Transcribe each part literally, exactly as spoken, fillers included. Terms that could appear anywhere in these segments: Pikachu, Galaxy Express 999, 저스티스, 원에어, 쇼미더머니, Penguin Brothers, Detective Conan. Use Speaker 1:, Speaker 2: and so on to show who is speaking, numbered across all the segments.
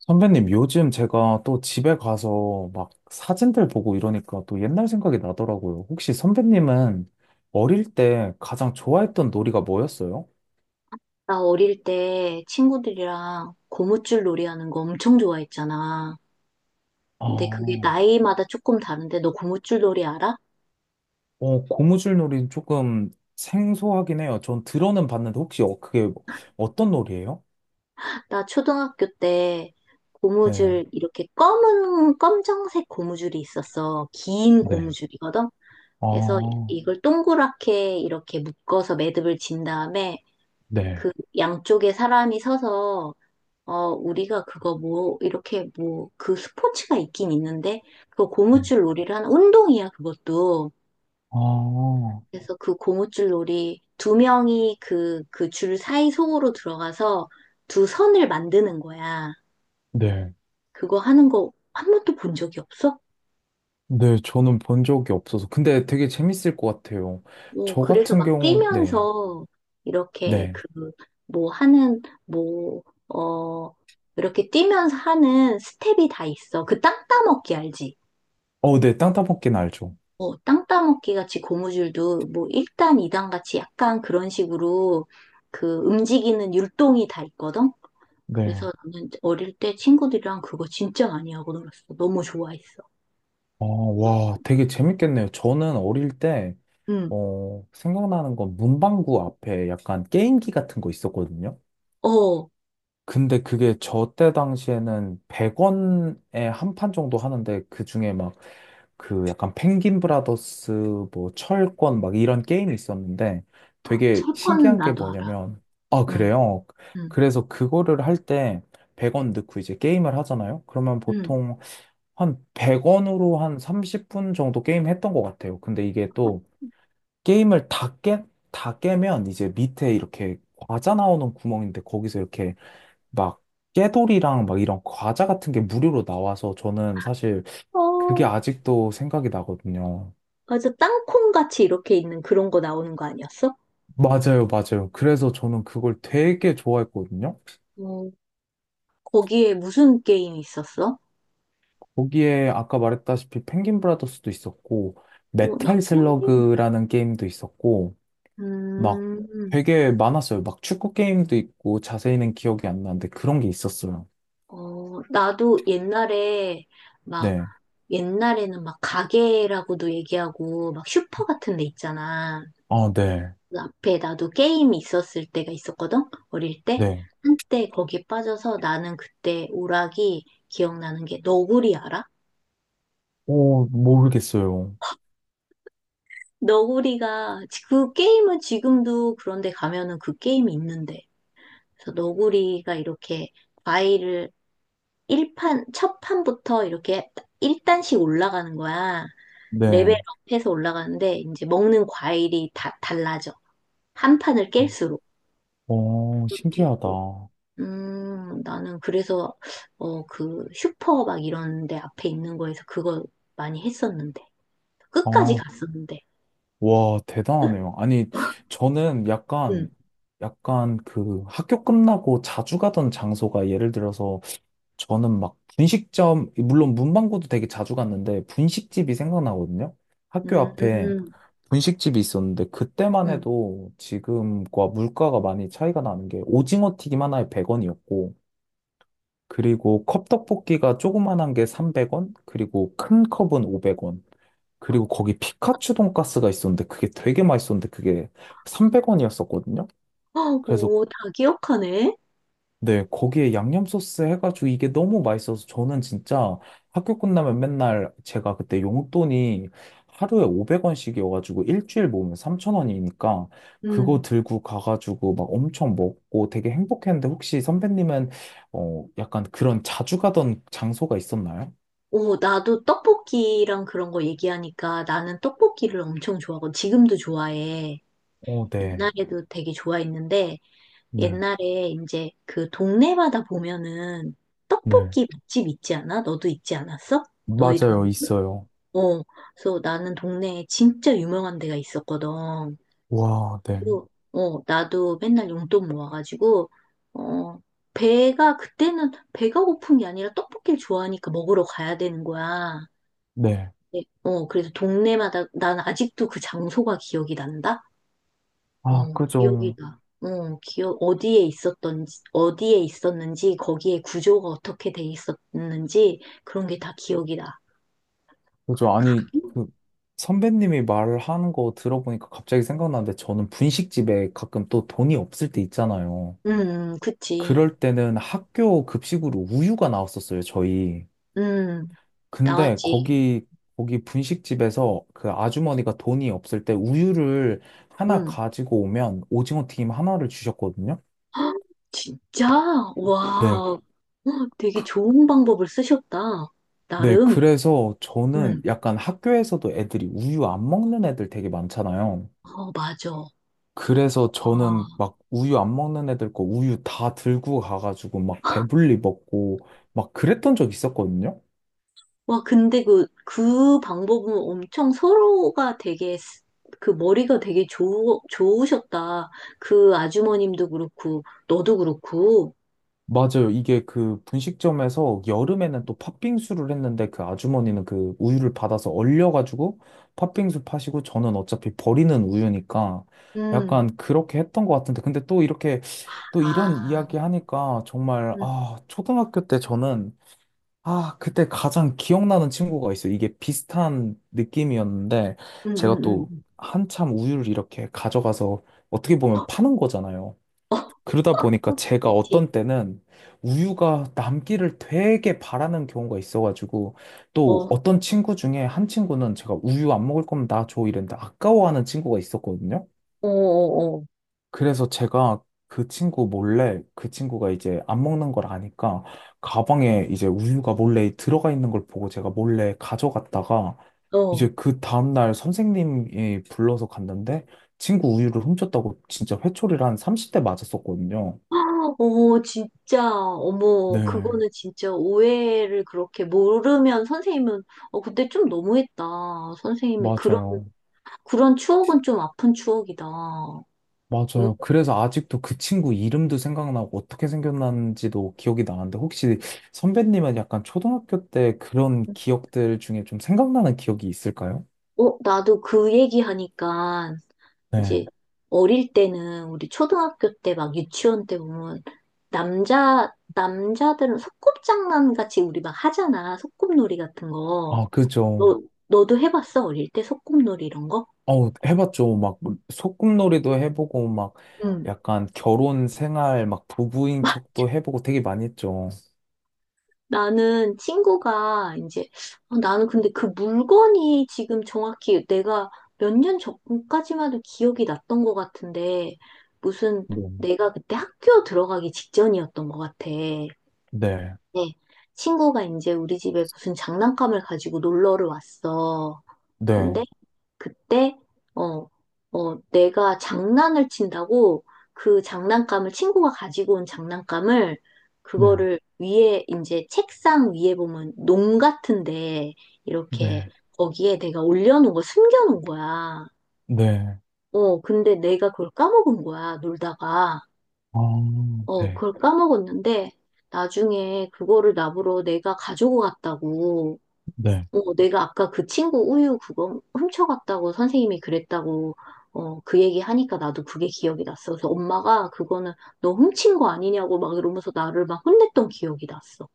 Speaker 1: 선배님, 요즘 제가 또 집에 가서 막 사진들 보고 이러니까 또 옛날 생각이 나더라고요. 혹시 선배님은 어릴 때 가장 좋아했던 놀이가 뭐였어요?
Speaker 2: 나 어릴 때 친구들이랑 고무줄 놀이 하는 거 엄청 좋아했잖아.
Speaker 1: 아,
Speaker 2: 근데 그게
Speaker 1: 어,
Speaker 2: 나이마다 조금 다른데 너 고무줄 놀이 알아?
Speaker 1: 고무줄 놀이 조금 생소하긴 해요. 전 들어는 봤는데 혹시 어, 그게 어떤 놀이예요?
Speaker 2: 나 초등학교 때
Speaker 1: 네,
Speaker 2: 고무줄 이렇게 검은 검정색 고무줄이 있었어. 긴
Speaker 1: 네.
Speaker 2: 고무줄이거든. 그래서
Speaker 1: 아,
Speaker 2: 이걸 동그랗게 이렇게 묶어서 매듭을 진 다음에
Speaker 1: 네,
Speaker 2: 그 양쪽에 사람이 서서 어 우리가 그거 뭐 이렇게 뭐 그 스포츠가 있긴 있는데 그거
Speaker 1: 네.
Speaker 2: 고무줄 놀이를 하는 운동이야 그것도.
Speaker 1: 아,
Speaker 2: 그래서 그 고무줄 놀이 두 명이 그, 그 줄 사이 속으로 들어가서 두 선을 만드는 거야.
Speaker 1: 네.
Speaker 2: 그거 하는 거 한 번도 본 적이 없어?
Speaker 1: 네, 저는 본 적이 없어서. 근데 되게 재밌을 것 같아요.
Speaker 2: 오,
Speaker 1: 저
Speaker 2: 그래서
Speaker 1: 같은
Speaker 2: 막
Speaker 1: 경우, 네,
Speaker 2: 뛰면서 이렇게
Speaker 1: 네.
Speaker 2: 그, 뭐 하는, 뭐, 어, 이렇게 뛰면서 하는 스텝이 다 있어. 그 땅 따먹기 알지?
Speaker 1: 어, 네, 땅따먹기는 알죠.
Speaker 2: 어, 땅 따먹기 같이 고무줄도 뭐 일 단, 이 단 같이 약간 그런 식으로 그 움직이는 율동이 다 있거든? 그래서
Speaker 1: 네.
Speaker 2: 나는 어릴 때 친구들이랑 그거 진짜 많이 하고 놀았어. 너무 좋아했어.
Speaker 1: 어, 와, 되게 재밌겠네요. 저는 어릴 때,
Speaker 2: 응.
Speaker 1: 어, 생각나는 건 문방구 앞에 약간 게임기 같은 거 있었거든요.
Speaker 2: 어,
Speaker 1: 근데 그게 저 때 당시에는 백 원에 한 판 정도 하는데, 그 중에 막, 그 약간 펭귄 브라더스, 뭐, 철권, 막 이런 게임이 있었는데, 되게
Speaker 2: 철 거는
Speaker 1: 신기한 게
Speaker 2: 나도 알아.
Speaker 1: 뭐냐면, 아,
Speaker 2: 응,
Speaker 1: 그래요?
Speaker 2: 응,
Speaker 1: 그래서 그거를 할 때, 백 원 넣고 이제 게임을 하잖아요? 그러면
Speaker 2: 응.
Speaker 1: 보통 한 백 원으로 한 삼십 분 정도 게임 했던 것 같아요. 근데 이게 또 게임을 다 깨, 다 깨면 이제 밑에 이렇게 과자 나오는 구멍인데 거기서 이렇게 막 깨돌이랑 막 이런 과자 같은 게 무료로 나와서 저는 사실 그게
Speaker 2: 어,
Speaker 1: 아직도 생각이 나거든요.
Speaker 2: 맞아. 땅콩같이 이렇게 있는 그런 거 나오는 거 아니었어?
Speaker 1: 맞아요, 맞아요. 그래서 저는 그걸 되게 좋아했거든요.
Speaker 2: 어, 거기에 무슨 게임 있었어?
Speaker 1: 거기에 아까 말했다시피 펭귄 브라더스도 있었고,
Speaker 2: 어, 나
Speaker 1: 메탈
Speaker 2: 펭귄.
Speaker 1: 슬러그라는 게임도 있었고, 막
Speaker 2: 음,
Speaker 1: 되게 많았어요. 막 축구 게임도 있고 자세히는 기억이 안 나는데 그런 게 있었어요.
Speaker 2: 어, 나도 옛날에 막,
Speaker 1: 네.
Speaker 2: 옛날에는 막 가게라고도 얘기하고, 막 슈퍼 같은 데 있잖아.
Speaker 1: 아, 네.
Speaker 2: 그 앞에 나도 게임이 있었을 때가 있었거든? 어릴 때.
Speaker 1: 네.
Speaker 2: 한때 거기에 빠져서 나는 그때 오락이 기억나는 게 너구리 알아?
Speaker 1: 오, 모르겠어요.
Speaker 2: 너구리가, 지- 그 게임은 지금도 그런데 가면은 그 게임이 있는데. 그래서 너구리가 이렇게 과일을 일판첫 판부터 이렇게 일 단씩 올라가는 거야.
Speaker 1: 네.
Speaker 2: 레벨업해서 올라가는데 이제 먹는 과일이 다 달라져. 한 판을 깰수록.
Speaker 1: 어,
Speaker 2: 그것도
Speaker 1: 신기하다.
Speaker 2: 있고. 음, 나는 그래서, 어, 그, 슈퍼 막 이런 데 앞에 있는 거에서 그거 많이 했었는데. 끝까지
Speaker 1: 아,
Speaker 2: 갔었는데.
Speaker 1: 와, 대단하네요. 아니, 저는
Speaker 2: 응,
Speaker 1: 약간, 약간 그 학교 끝나고 자주 가던 장소가 예를 들어서 저는 막 분식점, 물론 문방구도 되게 자주 갔는데 분식집이 생각나거든요. 학교
Speaker 2: 음,
Speaker 1: 앞에.
Speaker 2: 음,
Speaker 1: 분식집이 있었는데 그때만
Speaker 2: 음.
Speaker 1: 해도 지금과 물가가 많이 차이가 나는 게 오징어 튀김 하나에 백 원이었고 그리고 컵떡볶이가 조그만한 게 삼백 원 그리고 큰 컵은 오백 원 그리고 거기 피카츄 돈가스가 있었는데 그게 되게 맛있었는데 그게 삼백 원이었었거든요.
Speaker 2: 어,
Speaker 1: 그래서
Speaker 2: 오, 다 기억하네.
Speaker 1: 네, 거기에 양념 소스 해가지고 이게 너무 맛있어서 저는 진짜 학교 끝나면 맨날 제가 그때 용돈이 하루에 오백 원씩이어가지고 일주일 모으면 삼천 원이니까 그거
Speaker 2: 음.
Speaker 1: 들고 가가지고 막 엄청 먹고 되게 행복했는데 혹시 선배님은 어, 약간 그런 자주 가던 장소가 있었나요?
Speaker 2: 오, 나도 떡볶이랑 그런 거 얘기하니까 나는 떡볶이를 엄청 좋아하고 지금도 좋아해.
Speaker 1: 어, 네,
Speaker 2: 옛날에도 되게 좋아했는데
Speaker 1: 네,
Speaker 2: 옛날에 이제 그 동네마다 보면은
Speaker 1: 네.
Speaker 2: 떡볶이 맛집 있지 않아? 너도 있지 않았어? 너희
Speaker 1: 맞아요,
Speaker 2: 동네?
Speaker 1: 있어요.
Speaker 2: 어, 그래서 나는 동네에 진짜 유명한 데가 있었거든.
Speaker 1: 와, 네,
Speaker 2: 그리고, 어, 나도 맨날 용돈 모아가지고, 어, 배가, 그때는 배가 고픈 게 아니라 떡볶이를 좋아하니까 먹으러 가야 되는 거야.
Speaker 1: 네.
Speaker 2: 네, 어, 그래서 동네마다, 난 아직도 그 장소가 기억이 난다? 어,
Speaker 1: 아,
Speaker 2: 기억이
Speaker 1: 그죠.
Speaker 2: 나. 어, 기억, 어디에 있었던지, 어디에 있었는지, 거기에 구조가 어떻게 돼 있었는지, 그런 게 다 기억이 나.
Speaker 1: 그죠. 아니,
Speaker 2: 가격?
Speaker 1: 그 선배님이 말하는 거 들어보니까 갑자기 생각나는데 저는 분식집에 가끔 또 돈이 없을 때 있잖아요.
Speaker 2: 음, 음, 그치.
Speaker 1: 그럴 때는 학교 급식으로 우유가 나왔었어요, 저희.
Speaker 2: 음,
Speaker 1: 근데
Speaker 2: 나왔지.
Speaker 1: 거기, 거기 분식집에서 그 아주머니가 돈이 없을 때 우유를 하나
Speaker 2: 응.
Speaker 1: 가지고 오면 오징어 튀김 하나를 주셨거든요.
Speaker 2: 헉, 진짜?
Speaker 1: 네.
Speaker 2: 와, 헉, 되게 좋은 방법을 쓰셨다.
Speaker 1: 네,
Speaker 2: 나름.
Speaker 1: 그래서 저는
Speaker 2: 응.
Speaker 1: 약간 학교에서도 애들이 우유 안 먹는 애들 되게 많잖아요.
Speaker 2: 어, 맞아. 와,
Speaker 1: 그래서 저는 막 우유 안 먹는 애들 거 우유 다 들고 가가지고 막 배불리 먹고 막 그랬던 적 있었거든요.
Speaker 2: 와, 근데 그, 그 방법은 엄청 서로가 되게, 스- 그 머리가 되게 좋, 좋으셨다. 그 아주머님도 그렇고, 너도 그렇고.
Speaker 1: 맞아요. 이게 그 분식점에서 여름에는 또 팥빙수를 했는데 그 아주머니는 그 우유를 받아서 얼려가지고 팥빙수 파시고 저는 어차피 버리는 우유니까
Speaker 2: 음,
Speaker 1: 약간 그렇게 했던 것 같은데 근데 또 이렇게 또 이런
Speaker 2: 아,
Speaker 1: 이야기 하니까 정말
Speaker 2: 음,
Speaker 1: 아 초등학교 때 저는 아, 그때 가장 기억나는 친구가 있어요. 이게 비슷한 느낌이었는데,
Speaker 2: 음,
Speaker 1: 제가
Speaker 2: 음, 음.
Speaker 1: 또
Speaker 2: 음.
Speaker 1: 한참 우유를 이렇게 가져가서 어떻게 보면 파는 거잖아요. 그러다
Speaker 2: 어,
Speaker 1: 보니까 제가
Speaker 2: 그치.
Speaker 1: 어떤 때는 우유가 남기를 되게 바라는 경우가 있어가지고,
Speaker 2: 어,
Speaker 1: 또
Speaker 2: 어,
Speaker 1: 어떤 친구 중에 한 친구는 제가 우유 안 먹을 거면 나 줘 이랬는데 아까워하는 친구가 있었거든요.
Speaker 2: 어,
Speaker 1: 그래서 제가 그 친구 몰래 그 친구가 이제 안 먹는 걸 아니까 가방에 이제 우유가 몰래 들어가 있는 걸 보고 제가 몰래 가져갔다가
Speaker 2: 어. 어.
Speaker 1: 이제 그 다음날 선생님이 불러서 갔는데 친구 우유를 훔쳤다고 진짜 회초리를 한 삼십 대 맞았었거든요.
Speaker 2: 어, 진짜, 어머,
Speaker 1: 네,
Speaker 2: 그거는 진짜 오해를 그렇게 모르면 선생님은, 어, 그때 좀 너무했다. 선생님이 그런,
Speaker 1: 맞아요.
Speaker 2: 그런 추억은 좀 아픈 추억이다. 어,
Speaker 1: 맞아요. 그래서 아직도 그 친구 이름도 생각나고 어떻게 생겼는지도 기억이 나는데 혹시 선배님은 약간 초등학교 때 그런 기억들 중에 좀 생각나는 기억이 있을까요?
Speaker 2: 어, 나도 그 얘기 하니까, 이제,
Speaker 1: 네.
Speaker 2: 어릴 때는, 우리 초등학교 때 막 유치원 때 보면, 남자, 남자들은 소꿉장난 같이 우리 막 하잖아. 소꿉놀이 같은 거.
Speaker 1: 아, 그죠.
Speaker 2: 너, 너도 해봤어? 어릴 때 소꿉놀이 이런 거?
Speaker 1: 어, 해봤죠. 막, 소꿉놀이도 해보고, 막,
Speaker 2: 응.
Speaker 1: 약간 결혼 생활, 막, 부부인 척도 해보고 되게 많이 했죠.
Speaker 2: 나는 친구가 이제 어, 나는 근데 그 물건이 지금 정확히 내가 몇 년 전까지만 해도 기억이 났던 것 같은데 무슨
Speaker 1: 네.
Speaker 2: 내가 그때 학교 들어가기 직전이었던 것 같아. 네.
Speaker 1: 네.
Speaker 2: 친구가 이제 우리 집에 무슨 장난감을 가지고 놀러를 왔어.
Speaker 1: 네.
Speaker 2: 근데 그때 어, 어, 내가 장난을 친다고 그 장난감을 친구가 가지고 온 장난감을
Speaker 1: 네.
Speaker 2: 그거를 위에 이제 책상 위에 보면 농 같은데 이렇게
Speaker 1: 네.
Speaker 2: 거기에 내가 올려놓은 거 숨겨놓은 거야.
Speaker 1: 네.
Speaker 2: 어, 근데 내가 그걸 까먹은 거야, 놀다가.
Speaker 1: 아,
Speaker 2: 어,
Speaker 1: 네.
Speaker 2: 그걸 까먹었는데 나중에 그거를 나보러 내가 가지고 갔다고
Speaker 1: 네.
Speaker 2: 어, 내가 아까 그 친구 우유 그거 훔쳐갔다고 선생님이 그랬다고 어, 그 얘기 하니까 나도 그게 기억이 났어. 그래서 엄마가 그거는 너 훔친 거 아니냐고 막 이러면서 나를 막 혼냈던 기억이 났어.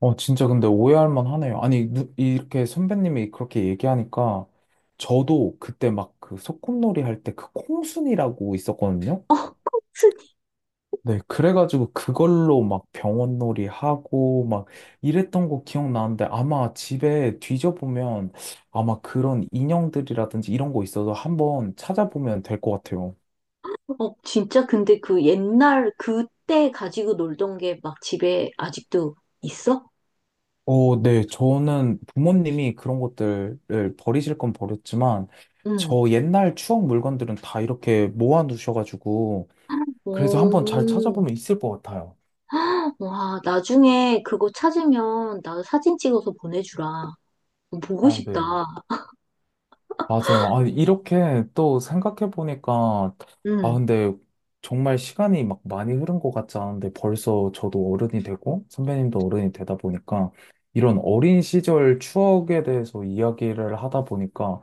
Speaker 1: 어, 진짜 근데 오해할 만 하네요. 아니, 누- 이렇게 선배님이 그렇게 얘기하니까, 저도 그때 막 그 소꿉놀이 할 때 그 콩순이라고 있었거든요. 네, 그래가지고 그걸로 막 병원놀이 하고 막 이랬던 거 기억나는데 아마 집에 뒤져보면 아마 그런 인형들이라든지 이런 거 있어서 한번 찾아보면 될 것 같아요.
Speaker 2: 어, 진짜 근데 그 옛날 그때 가지고 놀던 게 막 집에 아직도 있어?
Speaker 1: 어, 네, 저는 부모님이 그런 것들을 버리실 건 버렸지만
Speaker 2: 응.
Speaker 1: 저 옛날 추억 물건들은 다 이렇게 모아놓으셔가지고 그래서 한번 잘
Speaker 2: 오,
Speaker 1: 찾아보면 있을 것 같아요.
Speaker 2: 와, 나중에 그거 찾으면 나 사진 찍어서 보내주라. 어, 보고
Speaker 1: 아,
Speaker 2: 싶다.
Speaker 1: 네. 맞아요. 아, 이렇게 또 생각해보니까, 아,
Speaker 2: 응,
Speaker 1: 근데 정말 시간이 막 많이 흐른 것 같지 않은데 벌써 저도 어른이 되고 선배님도 어른이 되다 보니까 이런 어린 시절 추억에 대해서 이야기를 하다 보니까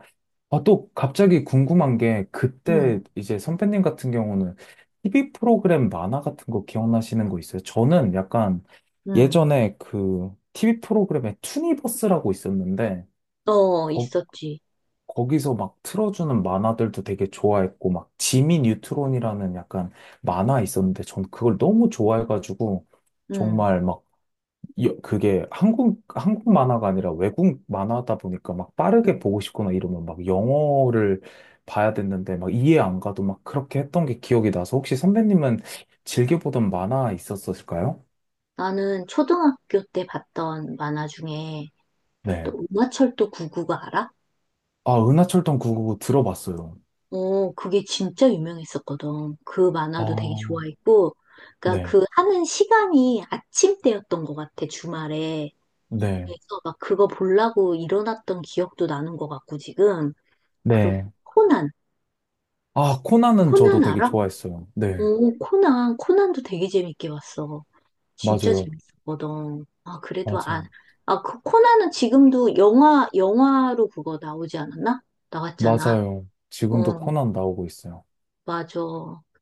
Speaker 1: 아, 또 갑자기 궁금한 게
Speaker 2: 응,
Speaker 1: 그때 이제 선배님 같은 경우는 티비 프로그램 만화 같은 거 기억나시는 거 있어요? 저는 약간
Speaker 2: 응.
Speaker 1: 예전에 그 티비 프로그램에 투니버스라고 있었는데
Speaker 2: 어, 있었지.
Speaker 1: 거기서 막 틀어주는 만화들도 되게 좋아했고, 막 지미 뉴트론이라는 약간 만화 있었는데, 전 그걸 너무 좋아해가지고,
Speaker 2: 응.
Speaker 1: 정말 막, 여- 그게 한국, 한국 만화가 아니라 외국 만화다 보니까 막 빠르게
Speaker 2: 음.
Speaker 1: 보고 싶거나 이러면 막 영어를 봐야 됐는데, 막 이해 안 가도 막 그렇게 했던 게 기억이 나서, 혹시 선배님은 즐겨보던 만화 있었을까요?
Speaker 2: 나는 초등학교 때 봤던 만화 중에
Speaker 1: 네.
Speaker 2: 또 은하철도 구구가 알아?
Speaker 1: 아, 은하철도 구백구십구 들어봤어요.
Speaker 2: 어, 그게 진짜 유명했었거든. 그 만화도 되게
Speaker 1: 아,
Speaker 2: 좋아했고, 그러니까
Speaker 1: 네.
Speaker 2: 그 하는 시간이 아침 때였던 것 같아, 주말에.
Speaker 1: 네.
Speaker 2: 그래서 막 그거 보려고 일어났던 기억도 나는 것 같고, 지금. 그리고
Speaker 1: 네.
Speaker 2: 코난,
Speaker 1: 아, 코난은 저도
Speaker 2: 코난
Speaker 1: 되게
Speaker 2: 알아?
Speaker 1: 좋아했어요. 네.
Speaker 2: 어, 코난, 코난도 되게 재밌게 봤어. 진짜
Speaker 1: 맞아요.
Speaker 2: 재밌었거든. 아, 그래도 안,
Speaker 1: 맞아요.
Speaker 2: 아, 그 코나는 지금도 영화, 영화로 그거 나오지 않았나? 나왔잖아.
Speaker 1: 맞아요. 지금도
Speaker 2: 어,
Speaker 1: 코난 나오고 있어요.
Speaker 2: 맞아.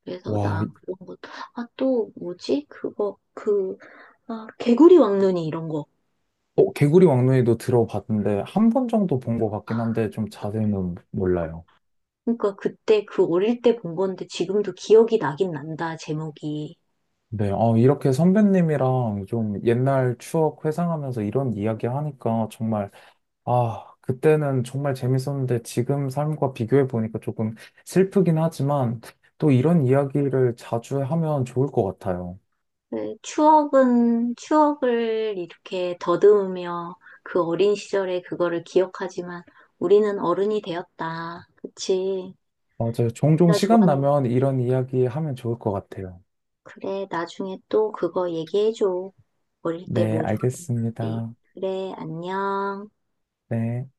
Speaker 2: 그래서
Speaker 1: 와,
Speaker 2: 나
Speaker 1: 이-
Speaker 2: 그런 것, 아, 또 뭐지? 그거, 그, 아, 개구리 왕눈이 이런 거.
Speaker 1: 어, 개구리 왕눈이도 들어봤는데, 한 번 정도 본 것 같긴 한데, 좀 자세히는 몰라요.
Speaker 2: 그러니까 그때 그 어릴 때 본 건데 지금도 기억이 나긴 난다, 제목이.
Speaker 1: 네. 어, 이렇게 선배님이랑 좀 옛날 추억 회상하면서 이런 이야기 하니까 정말, 아, 그때는 정말 재밌었는데, 지금 삶과 비교해보니까 조금 슬프긴 하지만, 또 이런 이야기를 자주 하면 좋을 것 같아요.
Speaker 2: 그 추억은, 추억을 이렇게 더듬으며 그 어린 시절에 그거를 기억하지만 우리는 어른이 되었다. 그치?
Speaker 1: 맞아요. 종종
Speaker 2: 나
Speaker 1: 시간
Speaker 2: 좋아하는,
Speaker 1: 나면 이런 이야기 하면 좋을 것 같아요.
Speaker 2: 그래, 나중에 또 그거 얘기해줘. 어릴 때
Speaker 1: 네,
Speaker 2: 뭐 좋아하는지.
Speaker 1: 알겠습니다.
Speaker 2: 그래, 안녕.
Speaker 1: 네.